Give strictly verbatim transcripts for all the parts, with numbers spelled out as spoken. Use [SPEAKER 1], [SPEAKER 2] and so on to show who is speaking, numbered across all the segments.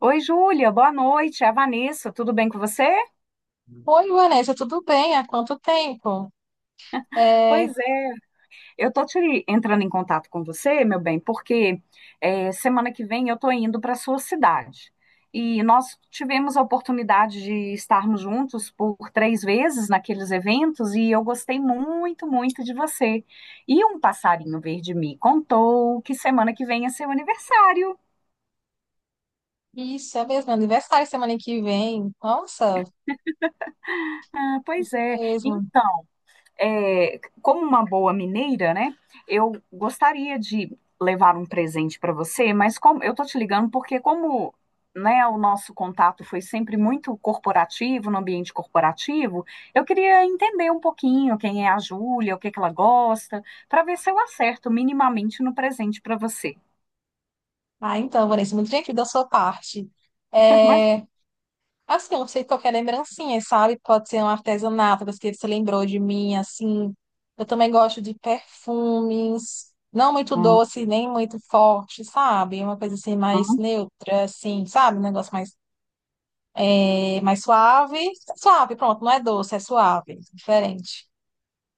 [SPEAKER 1] Oi, Júlia, boa noite. É a Vanessa, tudo bem com você?
[SPEAKER 2] Oi, Vanessa, tudo bem? Há quanto tempo? É,
[SPEAKER 1] Pois é, eu tô te entrando em contato com você, meu bem, porque é, semana que vem eu tô indo para sua cidade. E nós tivemos a oportunidade de estarmos juntos por três vezes naqueles eventos e eu gostei muito, muito de você. E um passarinho verde me contou que semana que vem é seu aniversário.
[SPEAKER 2] isso, é mesmo, é aniversário semana que vem. Nossa,
[SPEAKER 1] Ah, pois
[SPEAKER 2] isso
[SPEAKER 1] é.
[SPEAKER 2] mesmo.
[SPEAKER 1] Então, é, como uma boa mineira, né? Eu gostaria de levar um presente para você, mas como eu tô te ligando porque como né, o nosso contato foi sempre muito corporativo, no ambiente corporativo, eu queria entender um pouquinho quem é a Júlia, o que que ela gosta, para ver se eu acerto minimamente no presente para você.
[SPEAKER 2] Ah, então, Vanessa, muito gentil da sua parte.
[SPEAKER 1] Mas,
[SPEAKER 2] É, assim, eu não sei, qualquer lembrancinha, sabe? Pode ser um artesanato, das que você lembrou de mim, assim. Eu também gosto de perfumes, não muito doce, nem muito forte, sabe? Uma coisa assim mais
[SPEAKER 1] Uhum.
[SPEAKER 2] neutra, assim, sabe? Um negócio mais, eh, mais suave. Suave, pronto, não é doce, é suave, diferente.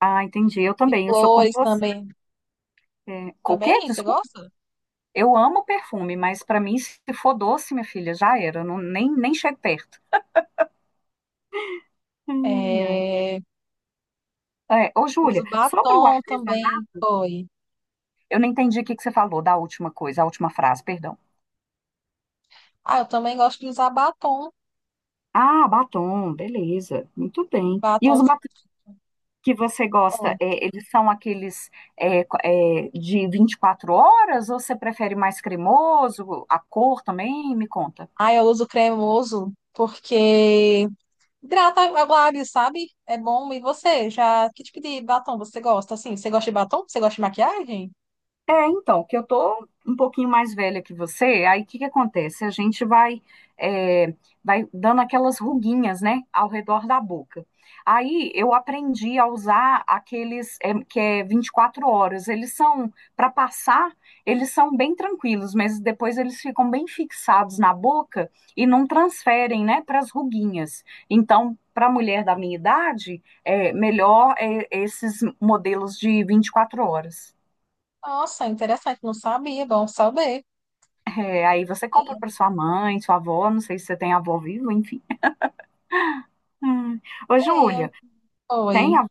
[SPEAKER 1] Ah, entendi. Eu
[SPEAKER 2] De
[SPEAKER 1] também, eu sou como
[SPEAKER 2] flores
[SPEAKER 1] você.
[SPEAKER 2] também.
[SPEAKER 1] É, O
[SPEAKER 2] Também? Você
[SPEAKER 1] Desculpa.
[SPEAKER 2] gosta?
[SPEAKER 1] Eu amo perfume, mas para mim, se for doce, minha filha, já era. Eu não- nem, nem chego perto. Ai, ai.
[SPEAKER 2] É,
[SPEAKER 1] É, ô, Júlia,
[SPEAKER 2] uso
[SPEAKER 1] sobre o
[SPEAKER 2] batom também.
[SPEAKER 1] artesanato,
[SPEAKER 2] Foi.
[SPEAKER 1] eu não entendi o que que você falou da última coisa, a última frase, perdão.
[SPEAKER 2] Ah, eu também gosto de usar batom.
[SPEAKER 1] Ah, batom, beleza, muito bem. E
[SPEAKER 2] Batom.
[SPEAKER 1] os batons que você gosta,
[SPEAKER 2] Oi.
[SPEAKER 1] é, eles são aqueles é, co- é, de 24 horas ou você prefere mais cremoso? A cor também? Me conta.
[SPEAKER 2] Ah, eu uso cremoso porque hidrata o lábio, sabe? É bom. E você? Já, que tipo de batom você gosta? Assim, você gosta de batom? Você gosta de maquiagem?
[SPEAKER 1] É, então, que eu tô um pouquinho mais velha que você, aí o que que acontece? A gente vai, é, vai dando aquelas ruguinhas, né, ao redor da boca. Aí eu aprendi a usar aqueles é, que é vinte e quatro horas. Eles são, para passar, eles são bem tranquilos, mas depois eles ficam bem fixados na boca e não transferem, né, para as ruguinhas. Então, para a mulher da minha idade, é melhor é, esses modelos de vinte e quatro horas.
[SPEAKER 2] Nossa, interessante. Não sabia. Bom saber.
[SPEAKER 1] É, aí você compra para sua mãe, sua avó, não sei se você tem avó vivo, enfim. Hum. Ô,
[SPEAKER 2] Tenho.
[SPEAKER 1] Júlia, tem
[SPEAKER 2] Oi.
[SPEAKER 1] a,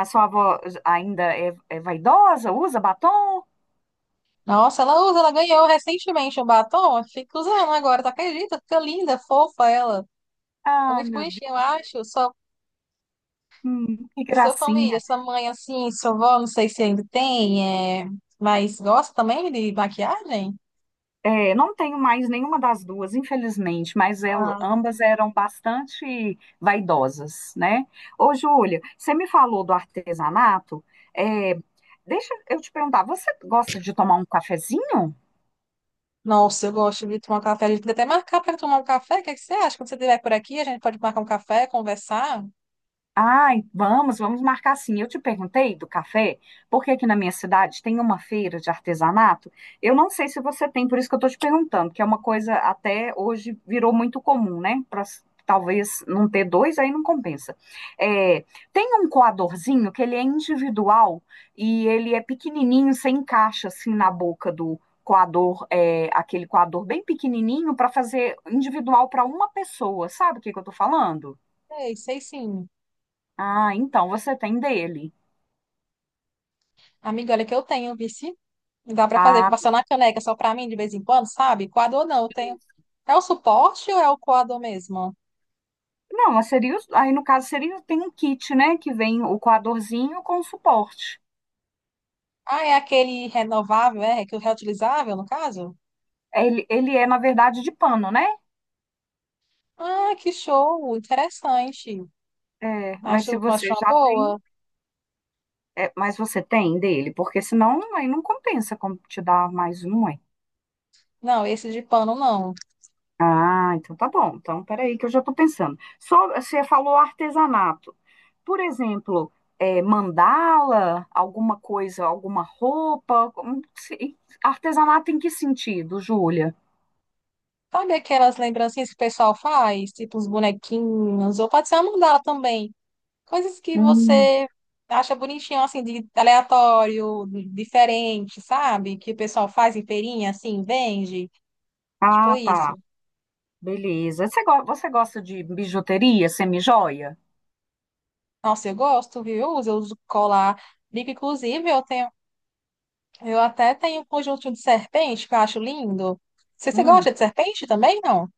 [SPEAKER 1] a sua avó ainda é, é vaidosa? Usa batom?
[SPEAKER 2] Nossa, ela usa, ela ganhou recentemente um batom. Fica usando agora, tu acredita? Fica linda, fofa ela. É
[SPEAKER 1] Ai,
[SPEAKER 2] muito
[SPEAKER 1] meu
[SPEAKER 2] bonitinho, eu
[SPEAKER 1] Deus,
[SPEAKER 2] acho. Sua,
[SPEAKER 1] hum, que
[SPEAKER 2] sua família,
[SPEAKER 1] gracinha.
[SPEAKER 2] sua mãe, assim, sua avó, não sei se ainda tem, é... mas gosta também de maquiagem?
[SPEAKER 1] É, não tenho mais nenhuma das duas, infelizmente, mas el-
[SPEAKER 2] Ah,
[SPEAKER 1] ambas eram bastante vaidosas, né? Ô, Júlia, você me falou do artesanato. É, Deixa eu te perguntar, você gosta de tomar um cafezinho?
[SPEAKER 2] nossa, eu gosto de tomar um café. A gente podia até marcar para tomar um café. O que é que você acha? Quando você estiver por aqui, a gente pode marcar um café, conversar.
[SPEAKER 1] Ai, vamos, vamos marcar sim. Eu te perguntei do café, porque aqui na minha cidade tem uma feira de artesanato. Eu não sei se você tem, por isso que eu estou te perguntando, que é uma coisa até hoje virou muito comum, né? Pra, s- talvez não ter dois, aí não compensa. É, Tem um coadorzinho que ele é individual e ele é pequenininho, você encaixa assim na boca do coador, é, aquele coador bem pequenininho para fazer individual para uma pessoa. Sabe o que que eu estou falando?
[SPEAKER 2] Sei, sei sim.
[SPEAKER 1] Ah, então você tem dele.
[SPEAKER 2] Amiga, olha que eu tenho, vice. Dá para fazer, que
[SPEAKER 1] Ah,
[SPEAKER 2] passar na caneca só para mim de vez em quando, sabe? Coador não, eu tenho. É o suporte ou é o coador mesmo?
[SPEAKER 1] não, mas seria, os- aí no caso seria, tem um kit, né, que vem o coadorzinho com suporte.
[SPEAKER 2] Ah, é aquele renovável, é? Que é o reutilizável, no caso?
[SPEAKER 1] Ele, ele é, na verdade, de pano, né?
[SPEAKER 2] Ah, que show! Interessante.
[SPEAKER 1] É, mas se
[SPEAKER 2] Acho,
[SPEAKER 1] você
[SPEAKER 2] acho uma
[SPEAKER 1] já tem,
[SPEAKER 2] boa.
[SPEAKER 1] é, mas você tem dele, porque senão aí não compensa como te dar mais um, ué.
[SPEAKER 2] Não, esse de pano não.
[SPEAKER 1] Ah, então tá bom. Então, peraí que eu já estou pensando. Só, você falou artesanato. Por exemplo, eh, mandala, alguma coisa, alguma roupa. Como se- Artesanato em que sentido, Júlia?
[SPEAKER 2] Sabe aquelas lembrancinhas que o pessoal faz? Tipo uns bonequinhos, ou pode ser uma mandala também. Coisas que
[SPEAKER 1] Hum,
[SPEAKER 2] você acha bonitinho, assim, de aleatório, de- diferente, sabe? Que o pessoal faz em feirinha, assim, vende. Tipo
[SPEAKER 1] Ah, tá.
[SPEAKER 2] isso.
[SPEAKER 1] Beleza. Você, go- você gosta de bijuteria, semijoia?
[SPEAKER 2] Nossa, eu gosto, viu? Eu uso, eu uso colar. Brinco, inclusive, eu tenho, eu até tenho um conjunto de serpente que eu acho lindo. Você, você
[SPEAKER 1] Hum,
[SPEAKER 2] gosta de serpente também, não?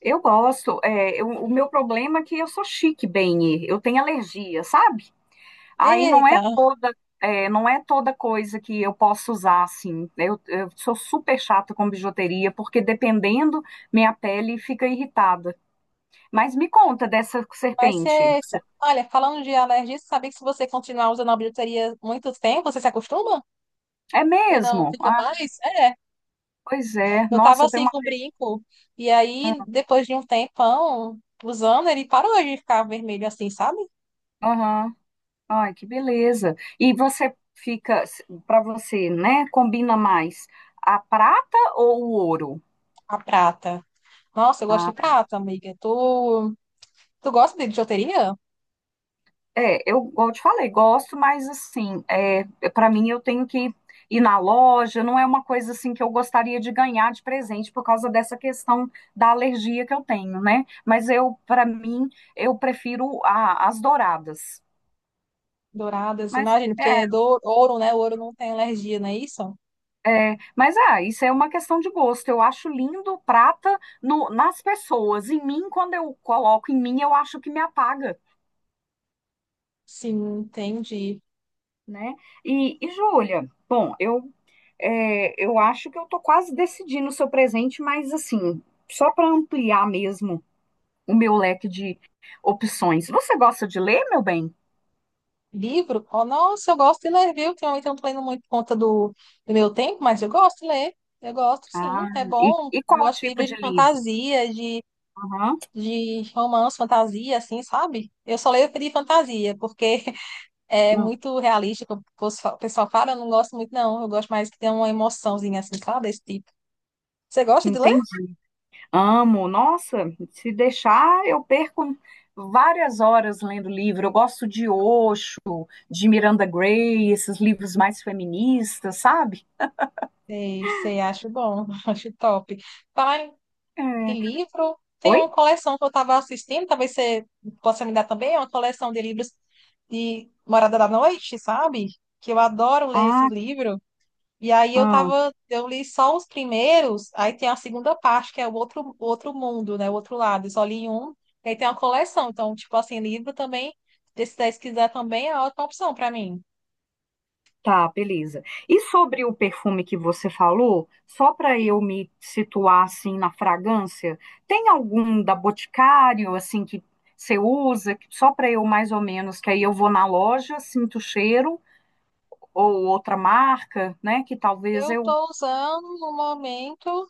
[SPEAKER 1] eu gosto. É, eu- o meu problema é que eu sou chique, bem. Eu tenho alergia, sabe? Aí não é
[SPEAKER 2] Eita,
[SPEAKER 1] toda, é, Não é toda coisa que eu posso usar assim. Eu, eu sou super chata com bijuteria, porque dependendo, minha pele fica irritada. Mas me conta dessa
[SPEAKER 2] mas
[SPEAKER 1] serpente.
[SPEAKER 2] você. Olha, falando de alergia, você sabia que se você continuar usando a bijuteria muito tempo, você se acostuma?
[SPEAKER 1] É
[SPEAKER 2] E não
[SPEAKER 1] mesmo?
[SPEAKER 2] fica
[SPEAKER 1] Ah,
[SPEAKER 2] mais? É.
[SPEAKER 1] pois é.
[SPEAKER 2] Eu tava
[SPEAKER 1] Nossa, eu tenho
[SPEAKER 2] assim
[SPEAKER 1] uma.
[SPEAKER 2] com brinco. E aí, depois de um tempão usando, ele parou de ficar vermelho assim, sabe?
[SPEAKER 1] Aham. Ai, que beleza. E você fica, para você, né? Combina mais a prata ou o ouro?
[SPEAKER 2] A prata. Nossa, eu gosto de
[SPEAKER 1] Ah,
[SPEAKER 2] prata, amiga. Tu, tu gosta de bijuteria?
[SPEAKER 1] É, eu, igual eu te falei, gosto, mas assim, é, para mim eu tenho que ir na loja, não é uma coisa assim que eu gostaria de ganhar de presente por causa dessa questão da alergia que eu tenho, né? Mas eu, para mim, eu prefiro a- as douradas.
[SPEAKER 2] Douradas,
[SPEAKER 1] Mas
[SPEAKER 2] imagino, porque
[SPEAKER 1] é,
[SPEAKER 2] é do ouro, né? O ouro não tem alergia, não é isso?
[SPEAKER 1] é, mas ah, isso é uma questão de gosto. Eu acho lindo prata no- nas pessoas. Em mim, quando eu coloco em mim, eu acho que me apaga,
[SPEAKER 2] Sim, entendi.
[SPEAKER 1] né? E, e Júlia, bom, eu É, eu acho que eu tô quase decidindo o seu presente, mas assim, só para ampliar mesmo o meu leque de opções. Você gosta de ler, meu bem?
[SPEAKER 2] Livro? Oh, nossa, eu gosto de ler, viu? Ultimamente eu não tô lendo muito por conta do, do meu tempo, mas eu gosto de ler. Eu gosto, sim,
[SPEAKER 1] Ah,
[SPEAKER 2] é
[SPEAKER 1] e,
[SPEAKER 2] bom.
[SPEAKER 1] e
[SPEAKER 2] Eu
[SPEAKER 1] qual
[SPEAKER 2] gosto de
[SPEAKER 1] tipo
[SPEAKER 2] livros
[SPEAKER 1] de
[SPEAKER 2] de
[SPEAKER 1] livro?
[SPEAKER 2] fantasia, de,
[SPEAKER 1] Aham,
[SPEAKER 2] de romance, fantasia, assim, sabe? Eu só leio de fantasia, porque é
[SPEAKER 1] hum,
[SPEAKER 2] muito realista, como o pessoal o pessoal fala, eu não gosto muito, não. Eu gosto mais que tenha uma emoçãozinha, assim, sabe? Desse tipo. Você gosta de ler?
[SPEAKER 1] entendi. Amo. Nossa, se deixar, eu perco várias horas lendo livro. Eu gosto de Osho, de Miranda Gray, esses livros mais feministas, sabe?
[SPEAKER 2] Sei, sei, acho bom, acho top. Fala, que
[SPEAKER 1] É,
[SPEAKER 2] livro? Tem
[SPEAKER 1] Oi?
[SPEAKER 2] uma coleção que eu estava assistindo, talvez você possa me dar também, é uma coleção de livros de Morada da Noite, sabe? Que eu adoro ler esse
[SPEAKER 1] Ah,
[SPEAKER 2] livro. E aí eu
[SPEAKER 1] hum.
[SPEAKER 2] tava, eu li só os primeiros, aí tem a segunda parte, que é o outro, outro mundo, né? O outro lado. Eu só li um, e aí tem uma coleção. Então, tipo assim, livro também, desses daí, se quiser também, é outra opção para mim.
[SPEAKER 1] Tá, beleza. E sobre o perfume que você falou, só para eu me situar assim na fragrância, tem algum da Boticário assim que você usa, que- só para eu mais ou menos, que aí eu vou na loja, sinto o cheiro, ou outra marca, né, que talvez
[SPEAKER 2] Eu
[SPEAKER 1] eu
[SPEAKER 2] tô usando no momento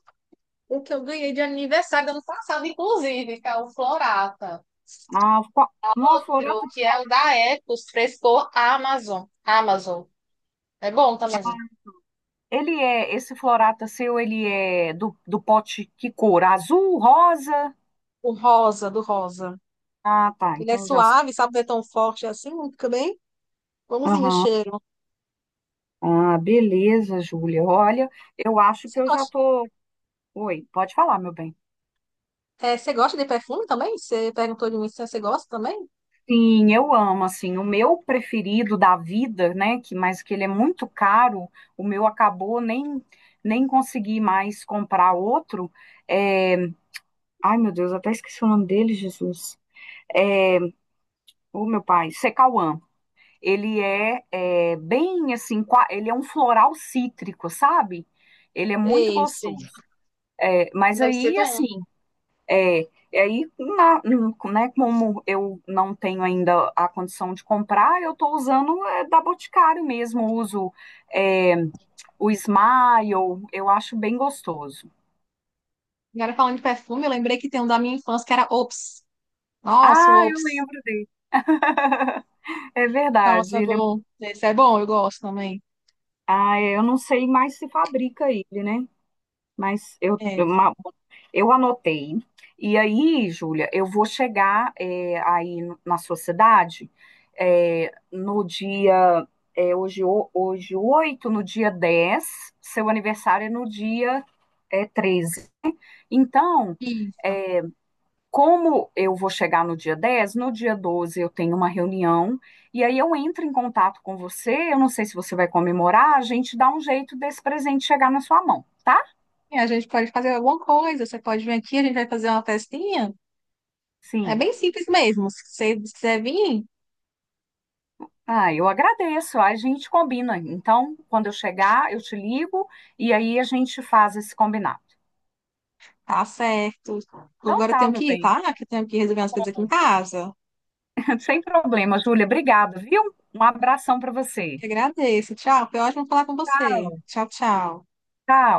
[SPEAKER 2] o que eu ganhei de aniversário do ano passado, inclusive, que é o Florata.
[SPEAKER 1] ah, qual... Não, a Florata,
[SPEAKER 2] Que é o da Ecos, frescor Amazon. Amazon. É bom também.
[SPEAKER 1] ele é esse Florata seu, ele é do, do pote que cor? Azul, rosa?
[SPEAKER 2] O rosa, do rosa.
[SPEAKER 1] Ah, tá,
[SPEAKER 2] Ele é
[SPEAKER 1] então já sei.
[SPEAKER 2] suave, sabe, não é tão forte assim, fica bem bonzinho o cheiro.
[SPEAKER 1] Ah, beleza, Júlia. Olha, eu acho
[SPEAKER 2] Você
[SPEAKER 1] que eu já
[SPEAKER 2] gosta,
[SPEAKER 1] tô. Oi, pode falar, meu bem.
[SPEAKER 2] é, você gosta de perfume também? Você perguntou de mim se você gosta também?
[SPEAKER 1] Sim, eu amo, assim, o meu preferido da vida, né, que, mas que ele é muito caro, o meu acabou, nem, nem consegui mais comprar outro, é... Ai, meu Deus, até esqueci o nome dele, Jesus. O meu pai, Secauã. Ele é, é bem assim, qua- ele é um floral cítrico, sabe? Ele é muito
[SPEAKER 2] Esse,
[SPEAKER 1] gostoso. É, mas
[SPEAKER 2] deve ser
[SPEAKER 1] aí,
[SPEAKER 2] bom.
[SPEAKER 1] assim, É, e aí, na, né, como eu não tenho ainda a condição de comprar, eu estou usando é, da Boticário mesmo, uso é, o Smile, eu acho bem gostoso.
[SPEAKER 2] Agora falando de perfume, eu lembrei que tem um da minha infância que era Ops. Nossa, o
[SPEAKER 1] Ah, eu
[SPEAKER 2] ops.
[SPEAKER 1] lembro dele. É
[SPEAKER 2] Nossa,
[SPEAKER 1] verdade.
[SPEAKER 2] é
[SPEAKER 1] Ele é-
[SPEAKER 2] bom. Esse é bom, eu gosto também.
[SPEAKER 1] ah, é, Eu não sei mais se fabrica ele, né? Mas eu, eu
[SPEAKER 2] É,
[SPEAKER 1] ma- eu anotei. E aí, Júlia, eu vou chegar é, aí no- na sua cidade é, no dia. É, hoje, o- hoje oito. No dia dez seu aniversário é no dia é, treze. Então,
[SPEAKER 2] isso.
[SPEAKER 1] eh, como eu vou chegar no dia dez, no dia doze eu tenho uma reunião e aí eu entro em contato com você. Eu não sei se você vai comemorar, a gente dá um jeito desse presente chegar na sua mão, tá?
[SPEAKER 2] E a gente pode fazer alguma coisa. Você pode vir aqui, a gente vai fazer uma festinha. É
[SPEAKER 1] Sim.
[SPEAKER 2] bem simples mesmo. Se você quiser vir,
[SPEAKER 1] Ah, eu agradeço. A gente combina. Então, quando eu chegar, eu te ligo e aí a gente faz esse combinado.
[SPEAKER 2] tá certo.
[SPEAKER 1] Então
[SPEAKER 2] Agora eu
[SPEAKER 1] tá,
[SPEAKER 2] tenho
[SPEAKER 1] meu
[SPEAKER 2] que ir,
[SPEAKER 1] bem.
[SPEAKER 2] tá? Que eu tenho que resolver umas coisas aqui em casa.
[SPEAKER 1] Sem problema, Júlia. Obrigada, viu? Um abração para você.
[SPEAKER 2] Te agradeço. Tchau. Foi ótimo falar com você. Tchau, tchau.
[SPEAKER 1] Tchau.